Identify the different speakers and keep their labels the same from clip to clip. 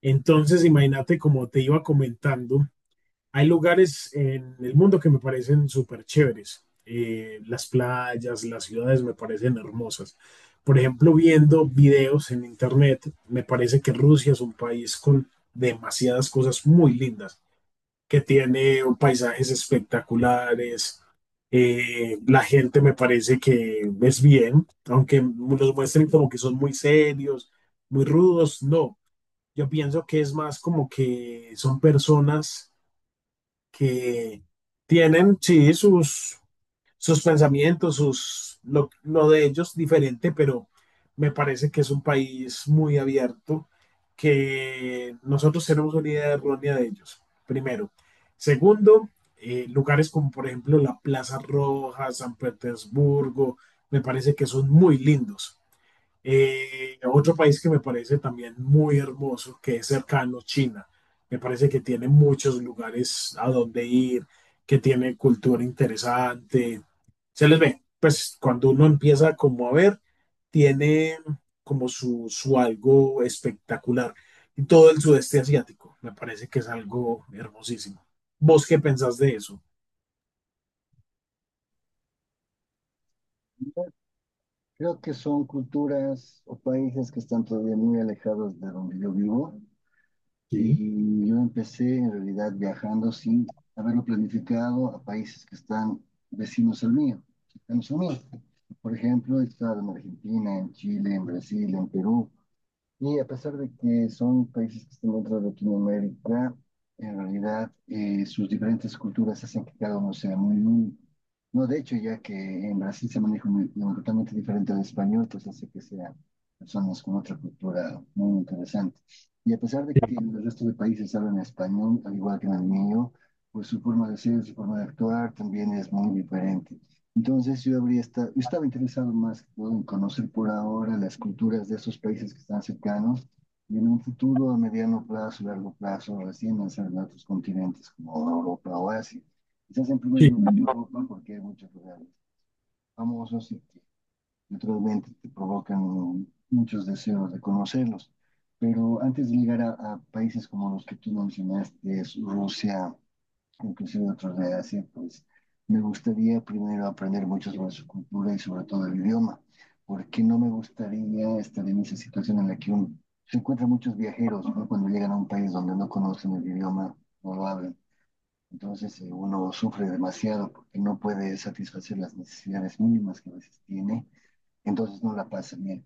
Speaker 1: Entonces, imagínate, como te iba comentando, hay lugares en el mundo que me parecen súper chéveres. Las playas, las ciudades me parecen hermosas. Por ejemplo, viendo videos en internet, me parece que Rusia es un país con demasiadas cosas muy lindas, que tiene paisajes espectaculares. La gente me parece que es bien, aunque los muestren como que son muy serios, muy rudos, no. Yo pienso que es más como que son personas que tienen, sí, sus pensamientos, lo de ellos diferente, pero me parece que es un país muy abierto, que nosotros tenemos una idea errónea de ellos, primero. Segundo, lugares como por ejemplo la Plaza Roja, San Petersburgo, me parece que son muy lindos. Otro país que me parece también muy hermoso, que es cercano, China. Me parece que tiene muchos lugares a donde ir, que tiene cultura interesante. Se les ve, pues cuando uno empieza como a ver, tiene como su algo espectacular. Y todo el sudeste asiático, me parece que es algo hermosísimo. ¿Vos qué pensás de eso?
Speaker 2: Creo que son culturas o países que están todavía muy alejados de donde yo vivo
Speaker 1: Sí,
Speaker 2: y yo empecé en realidad viajando sin haberlo planificado a países que están vecinos al mío, cercanos a mío. Por ejemplo, he estado en Argentina, en Chile, en Brasil, en Perú, y a pesar de que son países que están dentro de Latinoamérica, en realidad sus diferentes culturas hacen que cada uno sea muy único. No, de hecho, ya que en Brasil se maneja un idioma totalmente diferente al español, pues hace que sean personas con otra cultura muy interesante. Y a pesar de que en el resto de países hablan español, al igual que en el mío, pues su forma de ser, su forma de actuar también es muy diferente. Entonces yo estaba interesado más en conocer por ahora las culturas de esos países que están cercanos, y en un futuro a mediano plazo, largo plazo, recién lanzar a otros continentes como Europa o Asia. Quizás en primer
Speaker 1: sí.
Speaker 2: lugar en Europa, porque hay muchos lugares famosos y que naturalmente te provocan muchos deseos de conocerlos. Pero antes de llegar a países como los que tú mencionaste, Rusia, inclusive otros de Asia, pues me gustaría primero aprender mucho sobre su cultura y sobre todo el idioma, porque no me gustaría estar en esa situación en la que se encuentran muchos viajeros, ¿no? Cuando llegan a un país donde no conocen el idioma, no lo hablan. Entonces uno sufre demasiado porque no puede satisfacer las necesidades mínimas que a veces tiene, entonces no la pasa bien.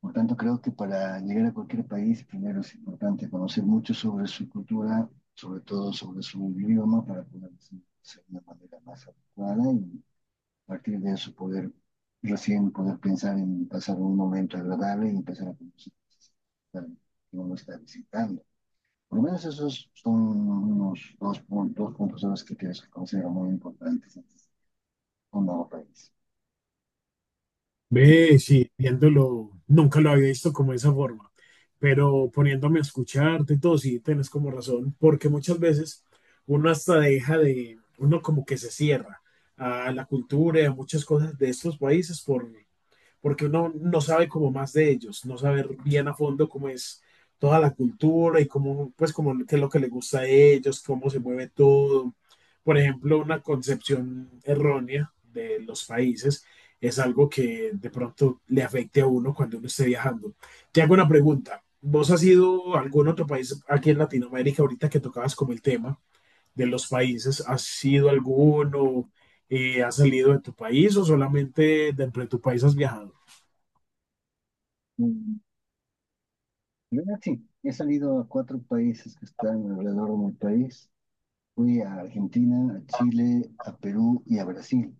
Speaker 2: Por tanto, creo que para llegar a cualquier país, primero es importante conocer mucho sobre su cultura, sobre todo sobre su idioma, para poder ser de una manera más adecuada, y a partir de eso poder recién poder pensar en pasar un momento agradable y empezar a conocer que uno no está visitando. Por lo menos esos son unos dos puntos a los que creo que considero muy importantes antes de un nuevo país.
Speaker 1: Ve, sí, viéndolo, nunca lo había visto como de esa forma, pero poniéndome a escucharte y todo, sí, tienes como razón, porque muchas veces uno hasta deja de, uno como que se cierra a la cultura y a muchas cosas de estos países por, porque uno no sabe como más de ellos, no saber bien a fondo cómo es toda la cultura y cómo, pues, cómo qué es lo que les gusta a ellos, cómo se mueve todo. Por ejemplo, una concepción errónea de los países es algo que de pronto le afecte a uno cuando uno esté viajando. Te hago una pregunta. ¿Vos has ido a algún otro país aquí en Latinoamérica ahorita que tocabas como el tema de los países? ¿Has ido a alguno? ¿Has salido de tu país o solamente dentro de tu país has viajado?
Speaker 2: Sí, he salido a cuatro países que están alrededor de mi país. Fui a Argentina, a Chile, a Perú y a Brasil.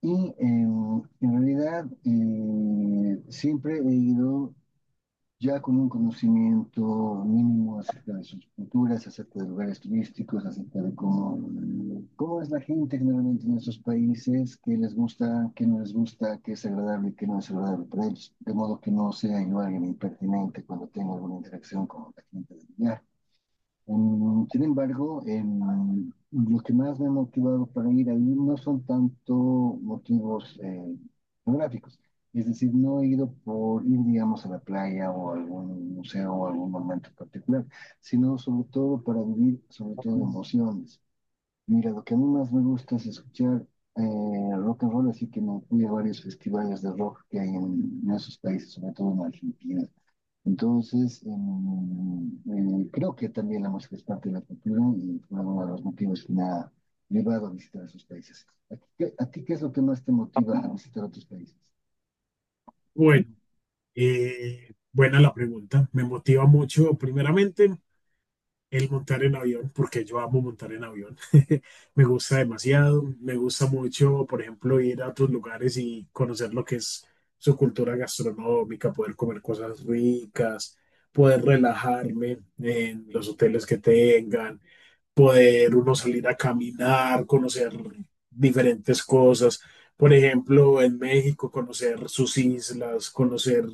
Speaker 2: Y en realidad siempre he ido ya con un conocimiento mínimo acerca de sus culturas, acerca de lugares turísticos, acerca de cómo es la gente generalmente en esos países, qué les gusta, qué no les gusta, qué es agradable y qué no es agradable para ellos. De modo que no sea yo alguien impertinente cuando tengo alguna interacción con la gente del lugar. Sin embargo, los que más me han motivado para ir ahí no son tanto motivos geográficos. Es decir, no he ido por ir, digamos, a la playa o a algún museo o a algún momento particular, sino sobre todo para vivir, sobre todo emociones. Mira, lo que a mí más me gusta es escuchar rock and roll, así que me fui a varios festivales de rock que hay en esos países, sobre todo en Argentina. Entonces, creo que también la música es parte de la cultura y fue uno de los motivos que me ha llevado a visitar esos países. ¿A ti qué es lo que más te motiva a visitar otros países?
Speaker 1: Bueno, buena la pregunta. Me motiva mucho, primeramente, el montar en avión, porque yo amo montar en avión. Me gusta demasiado. Me gusta mucho, por ejemplo, ir a otros lugares y conocer lo que es su cultura gastronómica, poder comer cosas ricas, poder relajarme en los hoteles que tengan, poder uno salir a caminar, conocer diferentes cosas. Por ejemplo, en México, conocer sus islas, conocer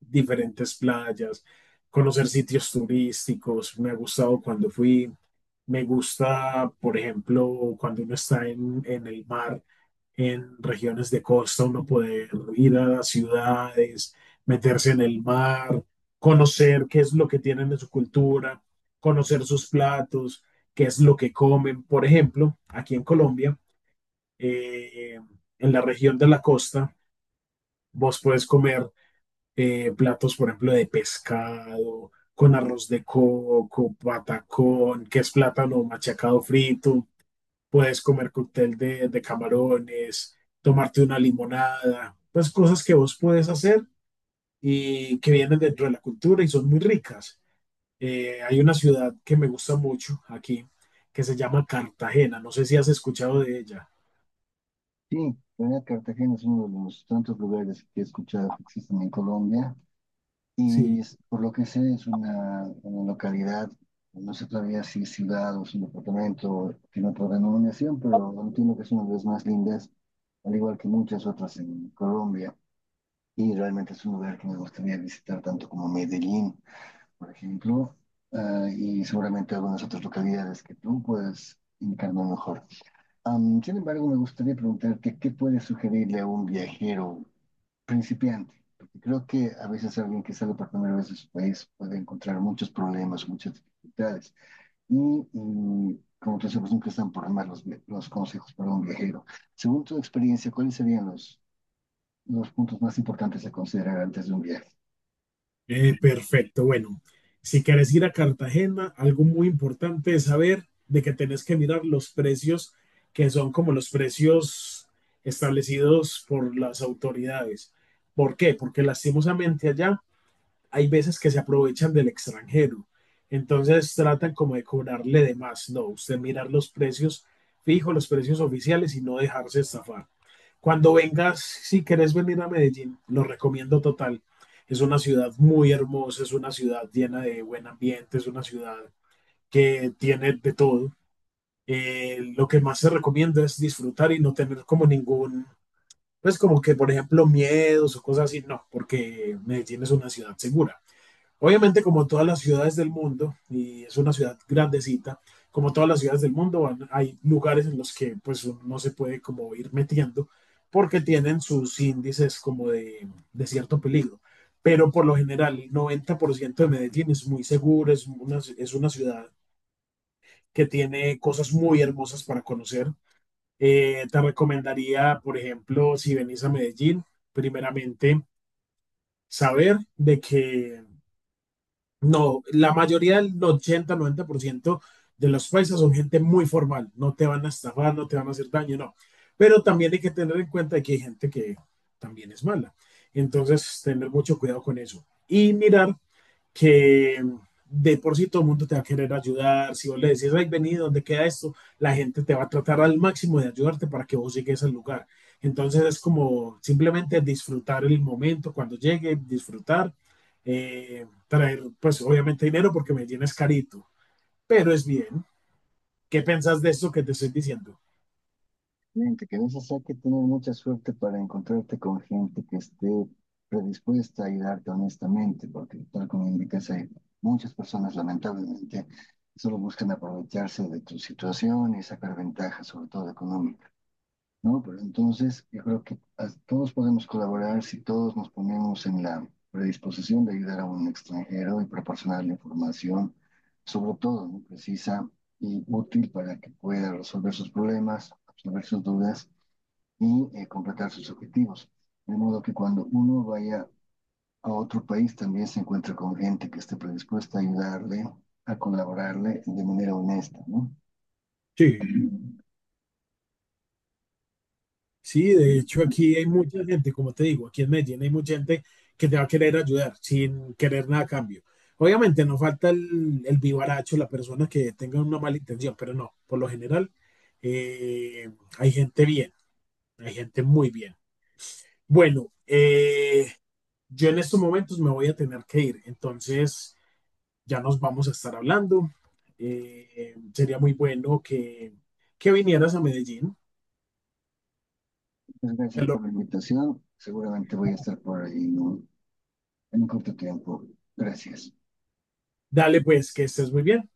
Speaker 1: diferentes playas, conocer sitios turísticos. Me ha gustado cuando fui. Me gusta, por ejemplo, cuando uno está en el mar, en regiones de costa, uno poder ir a las ciudades, meterse en el mar, conocer qué es lo que tienen en su cultura, conocer sus platos, qué es lo que comen. Por ejemplo, aquí en Colombia, eh, en la región de la costa, vos puedes comer platos, por ejemplo, de pescado, con arroz de coco, patacón, que es plátano machacado frito. Puedes comer cóctel de camarones, tomarte una limonada, pues cosas que vos puedes hacer y que vienen dentro de la cultura y son muy ricas. Hay una ciudad que me gusta mucho aquí, que se llama Cartagena. No sé si has escuchado de ella.
Speaker 2: Sí, la verdad, Cartagena es uno de los tantos lugares que he escuchado que existen en Colombia,
Speaker 1: Sí.
Speaker 2: y por lo que sé es una localidad, no sé todavía si es ciudad o es un departamento, tiene otra denominación, pero entiendo que es una de las más lindas, al igual que muchas otras en Colombia. Y realmente es un lugar que me gustaría visitar tanto como Medellín, por ejemplo, ah, y seguramente algunas otras localidades que tú puedes indicarme mejor. Am, sin embargo, me gustaría preguntarte qué puedes sugerirle a un viajero principiante, porque creo que a veces alguien que sale por primera vez de su país puede encontrar muchos problemas, muchas dificultades. Y, y, como tú sabes, nunca están por demás los consejos para un viajero. Según tu experiencia, ¿cuáles serían los puntos más importantes a considerar antes de un viaje?
Speaker 1: Perfecto, bueno, si querés ir a Cartagena, algo muy importante es saber de que tenés que mirar los precios que son como los precios establecidos por las autoridades. ¿Por qué? Porque lastimosamente allá hay veces que se aprovechan del extranjero. Entonces tratan como de cobrarle de más. No, usted mirar los precios fijos, los precios oficiales y no dejarse estafar. Cuando vengas, si querés venir a Medellín, lo recomiendo total. Es una ciudad muy hermosa, es una ciudad llena de buen ambiente, es una ciudad que tiene de todo. Lo que más se recomienda es disfrutar y no tener como ningún, pues como que por ejemplo miedos o cosas así, no, porque Medellín es una ciudad segura. Obviamente, como todas las ciudades del mundo, y es una ciudad grandecita, como todas las ciudades del mundo, hay lugares en los que pues no se puede como ir metiendo porque tienen sus índices como de cierto peligro. Pero por lo general, el 90% de Medellín es muy seguro, es una ciudad que tiene cosas muy hermosas para conocer. Te recomendaría, por ejemplo, si venís a Medellín, primeramente saber de que no, la mayoría del 80, 90% de los paisas son gente muy formal, no te van a estafar, no te van a hacer daño, no. Pero también hay que tener en cuenta que hay gente que también es mala. Entonces, tener mucho cuidado con eso. Y mirar que de por sí todo el mundo te va a querer ayudar. Si vos le decís, ay, vení, ¿dónde queda esto? La gente te va a tratar al máximo de ayudarte para que vos llegues al lugar. Entonces es como simplemente disfrutar el momento cuando llegue, disfrutar, traer, pues obviamente dinero porque me es carito, pero es bien. ¿Qué pensás de esto que te estoy diciendo?
Speaker 2: Fíjate que a veces hay que tener mucha suerte para encontrarte con gente que esté predispuesta a ayudarte honestamente, porque tal como indicas, hay muchas personas lamentablemente que solo buscan aprovecharse de tu situación y sacar ventaja, sobre todo económica, ¿no? Pero entonces yo creo que todos podemos colaborar si todos nos ponemos en la predisposición de ayudar a un extranjero y proporcionarle información, sobre todo, ¿no? Precisa y útil para que pueda resolver sus problemas, resolver sus dudas, y completar sus objetivos. De modo que cuando uno vaya a otro país también se encuentra con gente que esté predispuesta a ayudarle, a colaborarle de manera honesta, ¿no?
Speaker 1: Sí. Sí, de hecho aquí hay mucha gente, como te digo, aquí en Medellín hay mucha gente que te va a querer ayudar sin querer nada a cambio. Obviamente no falta el vivaracho, la persona que tenga una mala intención, pero no, por lo general eh, hay gente bien, hay gente muy bien. Bueno, yo en estos momentos me voy a tener que ir, entonces ya nos vamos a estar hablando. Sería muy bueno que vinieras a Medellín.
Speaker 2: Muchas
Speaker 1: Te
Speaker 2: gracias
Speaker 1: lo-
Speaker 2: por la invitación. Seguramente voy a estar por ahí en un, corto tiempo. Gracias.
Speaker 1: Dale pues, que estés muy bien.